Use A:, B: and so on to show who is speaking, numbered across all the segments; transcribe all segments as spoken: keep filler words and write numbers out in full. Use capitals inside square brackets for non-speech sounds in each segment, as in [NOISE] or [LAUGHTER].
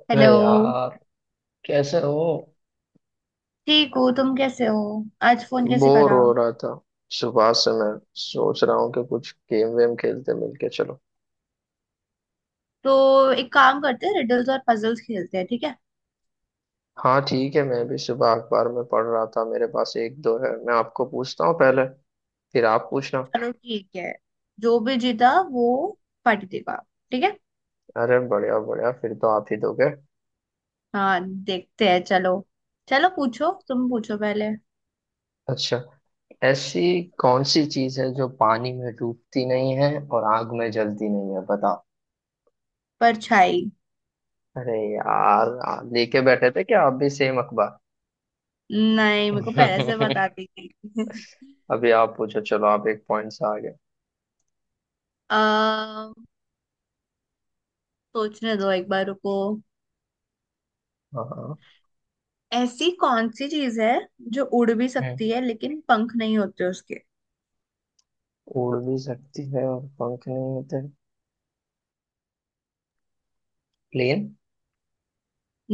A: अरे
B: हेलो।
A: यार, कैसे हो।
B: ठीक हो? तुम कैसे हो? आज फोन कैसे
A: बोर
B: करा?
A: हो रहा था, सुबह से मैं सोच रहा हूँ कि कुछ गेम वेम खेलते, मिलके चलो।
B: तो एक काम करते हैं, रिडल्स और पजल्स खेलते हैं, ठीक है?
A: हाँ ठीक है, मैं भी सुबह अखबार में पढ़ रहा था, मेरे पास एक दो है, मैं आपको पूछता हूँ पहले, फिर आप पूछना।
B: चलो ठीक है। जो भी जीता वो पार्टी देगा, ठीक है?
A: अरे बढ़िया बढ़िया, फिर तो आप ही दोगे।
B: हाँ, देखते हैं। चलो, चलो पूछो, तुम पूछो पहले।
A: अच्छा, ऐसी कौन सी चीज है जो पानी में डूबती नहीं है और आग में जलती नहीं है, बताओ।
B: परछाई।
A: अरे यार, आप लेके बैठे थे क्या, आप भी सेम अखबार।
B: नहीं, मेरे को पहले से बता
A: [LAUGHS]
B: दी थी। [LAUGHS]
A: अभी आप पूछो, चलो आप एक पॉइंट से आगे।
B: अः सोचने दो, एक बार रुको।
A: हाँ
B: ऐसी कौन सी चीज है जो उड़ भी
A: है।
B: सकती है लेकिन पंख नहीं होते उसके?
A: उड़ भी सकती है और पंख नहीं होते। प्लेन।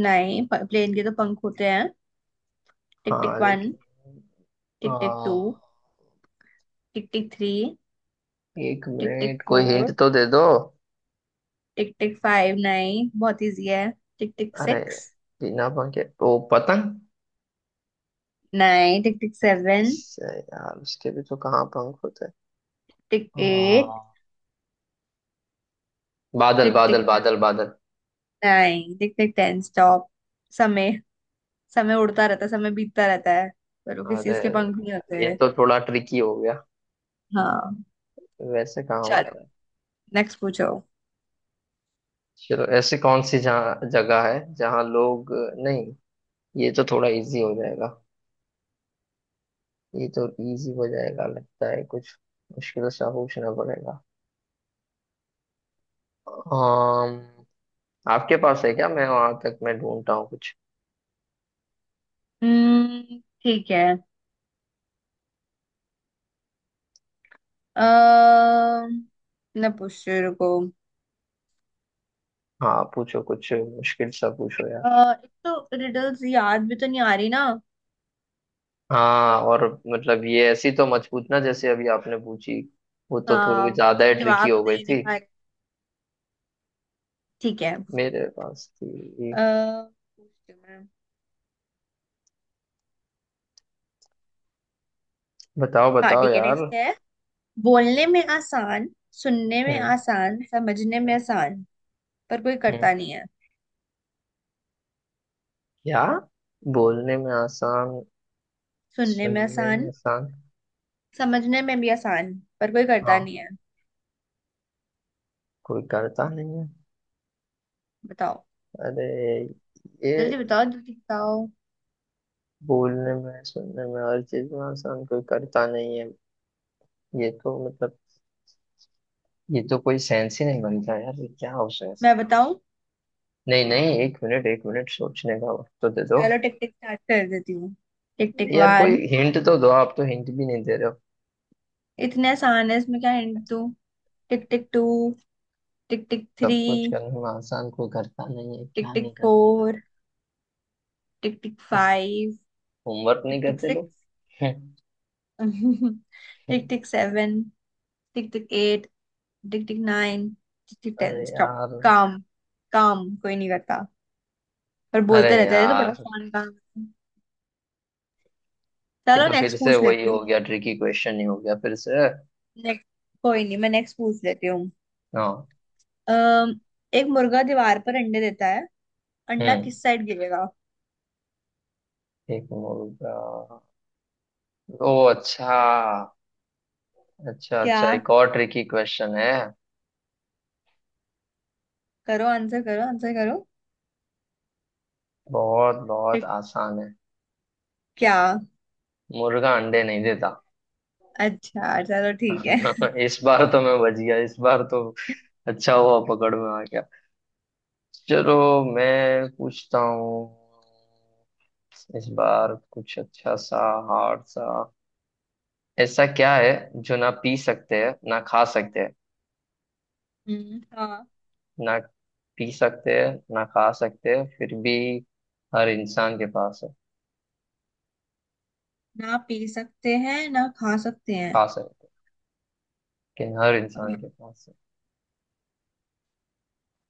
B: नहीं, प्लेन के तो पंख होते हैं। टिक टिक
A: हाँ
B: वन।
A: लेकिन।
B: टिक टिक टू।
A: हाँ,
B: टिक टिक थ्री।
A: एक
B: टिक टिक
A: मिनट कोई हिंट
B: फोर।
A: तो दे दो।
B: Tick tick five. नाइन बहुत इजी है। टिक टिक
A: अरे,
B: सिक्स।
A: बिना पंख के वो पतंग।
B: नाइन। Tick tick seven.
A: इससे यार उसके भी तो कहाँ पंख होते हैं।
B: Tick eight.
A: हाँ, बादल
B: टिक टिक
A: बादल बादल बादल।
B: Nine. Tick tick ten stop. समय। समय उड़ता रहता है, समय बीतता रहता है, पर वो किसी
A: अरे,
B: इसके पंख नहीं होते
A: ये
B: हैं।
A: तो थोड़ा ट्रिकी हो गया।
B: हाँ,
A: वैसे कहाँ
B: चलो
A: होता है।
B: नेक्स्ट पूछो।
A: चलो, ऐसी कौन सी जहाँ जगह है जहाँ लोग, नहीं, ये तो थोड़ा इजी हो जाएगा, ये तो इजी हो जाएगा, लगता है कुछ मुश्किल सा पूछना पड़ेगा। um, आपके पास है क्या, मैं वहां तक मैं ढूंढता हूँ कुछ।
B: हम्म, ठीक है। अः मैं पूछती हूँ, रुको।
A: हाँ पूछो, कुछ मुश्किल सा पूछो यार।
B: अ, एक तो रिडल्स याद भी तो नहीं आ रही ना।
A: हाँ और, मतलब ये ऐसी तो मत पूछना जैसे अभी आपने पूछी, वो तो थोड़ी
B: हाँ,
A: ज्यादा
B: क्योंकि
A: ही ट्रिकी
B: जवाब तो
A: हो गई
B: दे नहीं
A: थी।
B: पा। ठीक है।
A: मेरे पास थी।
B: अः
A: बताओ
B: हाँ
A: बताओ
B: ठीक है,
A: यार।
B: नेक्स्ट है। बोलने में आसान, सुनने में
A: हम्म।
B: आसान, समझने में
A: हम्म।
B: आसान, पर कोई
A: हम्म।
B: करता नहीं है।
A: क्या बोलने में आसान,
B: सुनने में
A: सुनने में
B: आसान,
A: आसान।
B: समझने में भी आसान, पर कोई करता
A: हाँ,
B: नहीं है।
A: कोई करता नहीं है।
B: बताओ।
A: अरे
B: जल्दी
A: ये,
B: बताओ, जल्दी बताओ।
A: बोलने में सुनने में हर चीज में आसान, कोई करता नहीं है। ये तो मतलब, ये तो कोई सेंस ही नहीं बनता यार, ये क्या हो सेंस
B: मैं
A: है?
B: बताऊं?
A: नहीं नहीं, एक मिनट एक मिनट, सोचने का वक्त तो दे दो।
B: चलो टिक टिक स्टार्ट कर देती हूँ। टिक टिक
A: यार कोई
B: वन।
A: हिंट तो दो, आप तो हिंट भी नहीं दे रहे हो।
B: इतने आसान है, इसमें क्या हिंट दूं? Tick tick two. Tick tick three.
A: सब कुछ करने में आसान कोई करता नहीं है,
B: टिक
A: क्या
B: टिक
A: नहीं करता है।
B: फोर। टिक टिक
A: क्या,
B: फाइव।
A: होमवर्क
B: टिक
A: नहीं
B: टिक
A: करते लोग।
B: सिक्स।
A: [LAUGHS]
B: [LAUGHS] टिक tick seven. Tick tick eight. Tick tick nine. Tick tick
A: अरे
B: टेन स्टॉप।
A: यार।
B: काम। काम कोई नहीं करता, पर
A: अरे
B: बोलते रहते हैं। ये तो बड़ा
A: यार,
B: फन काम है।
A: ये
B: चलो
A: तो फिर
B: नेक्स्ट
A: से
B: पूछ
A: वही
B: लेती
A: हो
B: हूँ।
A: गया, ट्रिकी क्वेश्चन ही हो गया फिर से।
B: नेक्स्ट। कोई नहीं, मैं नेक्स्ट पूछ लेती हूँ।
A: हाँ।
B: अम, एक मुर्गा दीवार पर अंडे देता है, अंडा
A: हम्म,
B: किस साइड गिरेगा?
A: एक मिनट, रुक जा। ओ अच्छा, अच्छा
B: क्या?
A: अच्छा, एक और ट्रिकी क्वेश्चन है।
B: करो आंसर करो, आंसर करो।
A: बहुत बहुत
B: फिर
A: आसान है।
B: क्या?
A: मुर्गा अंडे नहीं देता।
B: अच्छा चलो ठीक है।
A: [LAUGHS] इस बार तो मैं बच गया, इस बार तो अच्छा हुआ पकड़ में आ गया। चलो मैं पूछता हूँ, इस बार कुछ अच्छा सा, हार्ड सा। ऐसा क्या है जो ना पी सकते हैं ना खा सकते हैं,
B: हम्म, हाँ।
A: ना पी सकते हैं ना खा सकते हैं, फिर भी हर इंसान के पास है।
B: ना पी सकते हैं, ना खा सकते हैं।
A: खा सकते हैं, लेकिन हर
B: अ,
A: इंसान के पास है।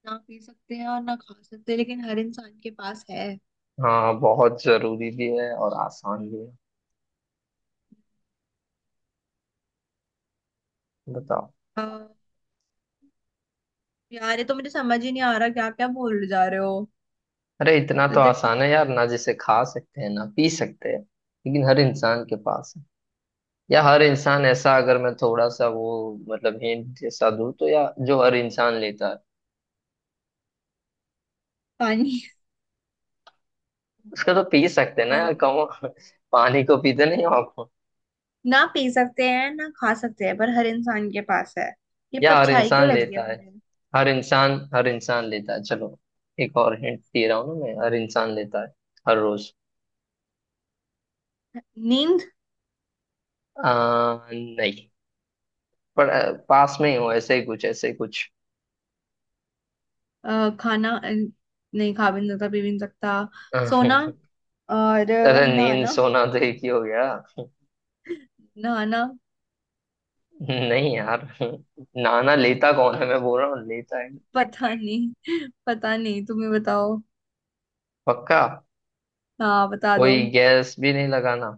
B: ना पी सकते हैं और ना खा सकते लेकिन हर इंसान के पास है।
A: हाँ, बहुत जरूरी भी है और आसान भी है, बताओ।
B: हाँ। यार ये तो मुझे समझ ही नहीं आ रहा, क्या क्या बोल जा रहे हो।
A: अरे इतना
B: तो
A: तो
B: तो ठीक।
A: आसान है यार, ना जिसे खा सकते हैं ना पी सकते हैं, लेकिन हर इंसान के पास है, या हर इंसान ऐसा, अगर मैं थोड़ा सा वो मतलब हिंट जैसा दूं तो, या जो हर इंसान लेता है।
B: पानी।
A: उसका तो पी सकते हैं ना यार,
B: हाँ।
A: कहो। [LAUGHS] पानी को पीते नहीं हो आपको।
B: ना पी सकते हैं, ना खा सकते हैं, पर हर इंसान के पास है। ये
A: या हर
B: परछाई क्यों
A: इंसान
B: लग गया
A: लेता है,
B: मुझे?
A: हर इंसान हर इंसान लेता है, चलो एक और हिंट दे रहा हूँ ना मैं, हर इंसान लेता है, हर रोज।
B: नींद।
A: आ, नहीं, पर अ, पास में ही हो, ऐसे ही कुछ, ऐसे ही कुछ।
B: अ, खाना। अ, नहीं, खा भी नहीं सकता, पी भी नहीं सकता। सोना।
A: [LAUGHS]
B: और अ,
A: अरे नींद
B: नहाना।
A: सोना तो एक ही हो गया,
B: नहाना।
A: नहीं यार। नाना लेता कौन है, मैं बोल रहा हूँ लेता है।
B: पता नहीं। [LAUGHS] पता नहीं, तुम ही बताओ।
A: पक्का।
B: हाँ, बता दो।
A: कोई गैस भी नहीं लगाना।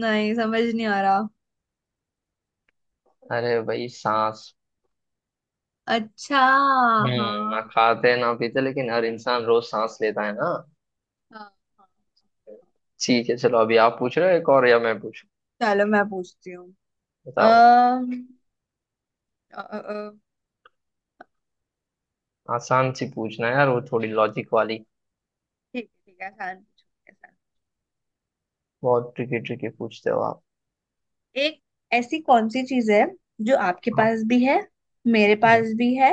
B: नहीं समझ नहीं आ रहा।
A: अरे भाई, सांस।
B: अच्छा, हाँ
A: हम्म, ना
B: हाँ।
A: खाते ना पीते लेकिन हर इंसान रोज सांस लेता है ना।
B: हाँ, हाँ।
A: ठीक है चलो, अभी आप पूछ रहे हो, एक और या मैं पूछूं।
B: चलो मैं पूछती हूँ।
A: बताओ बताओ।
B: अः अ, अ, अ,
A: आसान सी पूछना है यार, वो थोड़ी लॉजिक वाली।
B: ठीक है, ठीक है, आसान पूछो मेरे साथ।
A: बहुत ट्रिकी ट्रिकी पूछते हो आप।
B: एक, ऐसी कौन सी चीज है जो आपके
A: हाँ।
B: पास भी है, मेरे
A: हम्म।
B: पास भी है,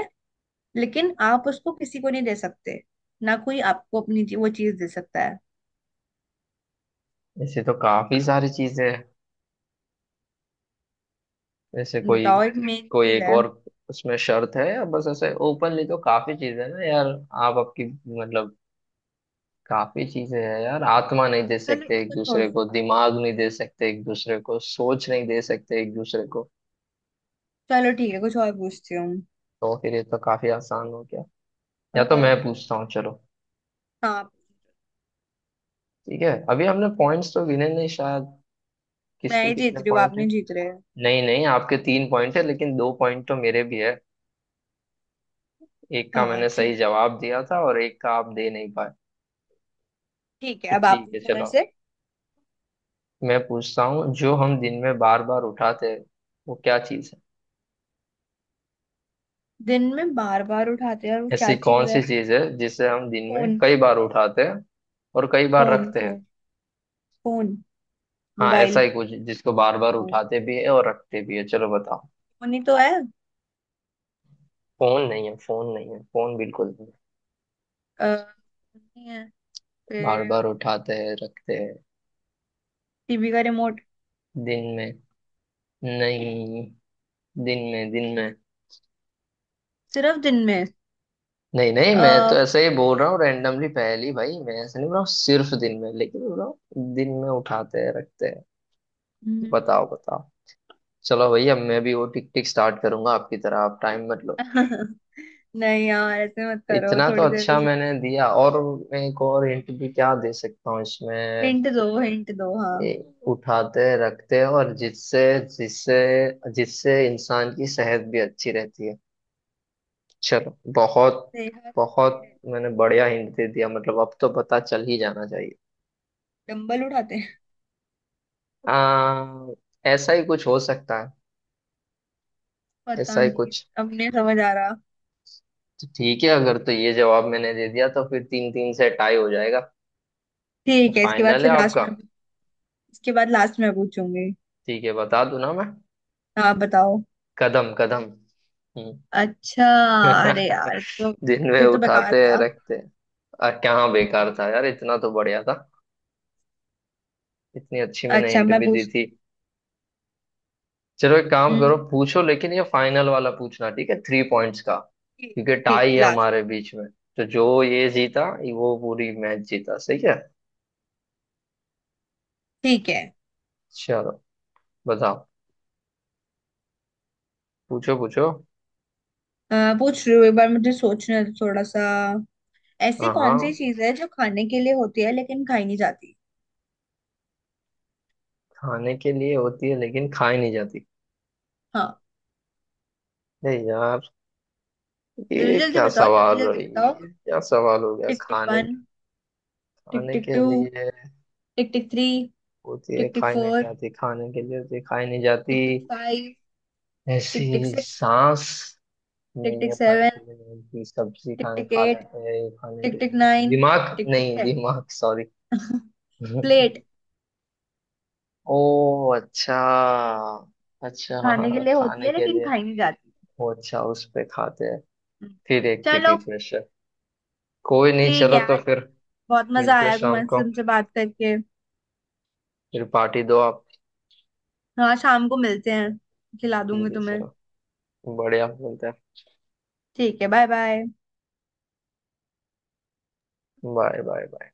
B: लेकिन आप उसको किसी को नहीं दे सकते, ना कोई आपको अपनी ची- वो चीज दे सकता है।
A: ऐसे तो काफी सारी चीजें हैं, ऐसे कोई,
B: बताओ, एक मेन
A: कोई
B: चीज
A: एक
B: है।
A: और, उसमें शर्त है, या बस ऐसे ओपनली तो काफी चीजें हैं ना यार। आप आपकी मतलब, काफी चीजें हैं यार, आत्मा नहीं दे
B: चलो
A: सकते एक
B: इसको
A: दूसरे
B: छोड़ो।
A: को, दिमाग नहीं दे सकते एक दूसरे को, सोच नहीं दे सकते एक दूसरे को।
B: चलो ठीक है, कुछ और पूछती हूँ।
A: तो फिर ये तो काफी आसान हो गया,
B: अ,
A: या तो मैं पूछता हूँ चलो।
B: हाँ।
A: ठीक है, अभी हमने पॉइंट्स तो गिने नहीं शायद,
B: मैं
A: किसके
B: ही जीत
A: कितने
B: रही हूँ, आप
A: पॉइंट हैं।
B: नहीं जीत रहे हो।
A: नहीं नहीं, आपके तीन पॉइंट है लेकिन दो पॉइंट तो मेरे भी है, एक का
B: हाँ,
A: मैंने सही
B: ठीक।
A: जवाब दिया था और एक का आप दे नहीं पाए।
B: ठीक है,
A: तो
B: अब आप
A: ठीक है
B: पूछो मेरे
A: चलो,
B: से।
A: मैं पूछता हूँ, जो हम दिन में बार बार उठाते हैं, वो क्या चीज़ है।
B: दिन में बार बार उठाते हैं, और वो क्या
A: ऐसी कौन
B: चीज है?
A: सी चीज़ है जिसे हम दिन
B: फोन।
A: में कई बार उठाते हैं और कई बार
B: फोन।
A: रखते हैं।
B: फोन। फोन।
A: हाँ, ऐसा
B: मोबाइल।
A: ही कुछ जिसको बार बार उठाते भी है और रखते भी है, चलो बताओ।
B: फोन ही तो है।
A: फोन नहीं है, फोन नहीं है, फोन बिल्कुल नहीं है।
B: अ, नहीं है?
A: बार
B: फिर?
A: बार उठाते हैं, रखते हैं,
B: टीवी का रिमोट?
A: दिन में। नहीं, दिन में दिन में।
B: सिर्फ दिन में?
A: नहीं नहीं,
B: अ,
A: मैं तो ऐसे ही बोल रहा हूँ रैंडमली, पहली भाई मैं ऐसे नहीं बोल रहा हूँ सिर्फ दिन में, लेकिन बोल रहा हूँ दिन में उठाते हैं रखते हैं।
B: हम्म।
A: बताओ बताओ। चलो भैया, मैं भी वो टिक टिक स्टार्ट करूंगा आपकी तरह, आप टाइम मत लो।
B: [LAUGHS] नहीं यार, ऐसे मत करो
A: इतना तो
B: थोड़ी देर को।
A: अच्छा मैंने दिया, और मैं एक और हिंट भी क्या दे सकता हूँ इसमें।
B: हिंट दो, हिंट दो, हाँ।
A: ए, उठाते रखते, और जिससे, जिससे जिससे इंसान की सेहत भी अच्छी रहती है। चलो बहुत,
B: सेहत अच्छी
A: बहुत
B: रहती
A: मैंने
B: है?
A: बढ़िया हिंट दे दिया, मतलब अब तो पता चल ही जाना चाहिए।
B: डंबल उठाते हैं?
A: आ, ऐसा ही कुछ हो सकता है, ऐसा
B: पता
A: ही
B: नहीं।
A: कुछ।
B: अब नहीं समझ आ रहा।
A: तो ठीक है, अगर तो ये जवाब मैंने दे दिया तो फिर तीन तीन से टाई हो जाएगा, तो
B: ठीक है, इसके बाद
A: फाइनल
B: से
A: है
B: लास्ट
A: आपका।
B: में। इसके बाद लास्ट में पूछूंगी।
A: ठीक है, बता दूं ना मैं,
B: हाँ बताओ।
A: कदम कदम। हम्म।
B: अच्छा। अरे
A: [LAUGHS]
B: यार, तो
A: दिन में
B: ये तो बेकार
A: उठाते हैं
B: था।
A: रखते हैं। आ, क्या बेकार था यार, इतना तो बढ़िया था, इतनी अच्छी मैंने
B: अच्छा,
A: हिंट
B: मैं
A: भी दी
B: पूछ।
A: थी। चलो एक काम करो,
B: हम्म,
A: पूछो, लेकिन ये फाइनल वाला पूछना, ठीक है, थ्री पॉइंट्स का,
B: ठीक।
A: क्योंकि
B: ठीक
A: टाई
B: है,
A: है
B: लास्ट।
A: हमारे बीच में। तो जो ये जीता, वो पूरी मैच जीता, सही है।
B: ठीक है,
A: चलो बताओ, पूछो पूछो।
B: आ, पूछ रही हूँ, एक बार मुझे सोचने दो थोड़ा सा। ऐसी
A: हाँ
B: कौन सी
A: हाँ,
B: चीज है जो खाने के लिए होती है लेकिन खाई नहीं जाती?
A: खाने के लिए होती है लेकिन खाई नहीं जाती।
B: हाँ।
A: अरे यार,
B: जल्दी
A: ये
B: जल्दी
A: क्या
B: बताओ, जल्दी
A: सवाल है,
B: जल्दी बताओ।
A: ये क्या सवाल हो गया,
B: टिक टिक
A: खाने,
B: वन। टिक
A: खाने
B: टिक
A: के
B: टू।
A: लिए
B: टिक टिक थ्री।
A: होती है
B: टिक टिक
A: खाई नहीं
B: फोर।
A: जाती, खाने के लिए होती है खाई नहीं जाती,
B: टिक टिक फाइव।
A: ऐसी,
B: टिक टिक सिक्स।
A: सांस
B: टिक
A: नहीं
B: टिक
A: है, खाने
B: सेवन।
A: के लिए नहीं होती, सब्जी
B: टिक
A: खाने
B: टिक
A: खा
B: एट।
A: लेते हैं, खाने के
B: टिक टिक
A: लिए
B: नाइन।
A: दिमाग,
B: टिक टिक
A: नहीं
B: टेन।
A: दिमाग सॉरी। [LAUGHS]
B: प्लेट।
A: ओ अच्छा, अच्छा
B: खाने के
A: हाँ,
B: लिए होती
A: खाने
B: है
A: के
B: लेकिन
A: लिए।
B: खाई नहीं जाती।
A: ओ अच्छा, उस पे खाते हैं।
B: हम्म।
A: फिर एक ट्रिकी
B: चलो
A: क्वेश्चन, कोई नहीं,
B: ठीक
A: चलो
B: है।
A: तो
B: आज
A: फिर
B: बहुत मजा
A: मिलते हैं
B: आया
A: शाम
B: तुम्हारे
A: को,
B: से, तुमसे बात करके।
A: फिर पार्टी दो आप।
B: हाँ, शाम को मिलते हैं, खिला दूंगी
A: ठीक है
B: तुम्हें।
A: चलो, बढ़िया, मिलते हैं।
B: ठीक है, bye bye.
A: Bye bye bye.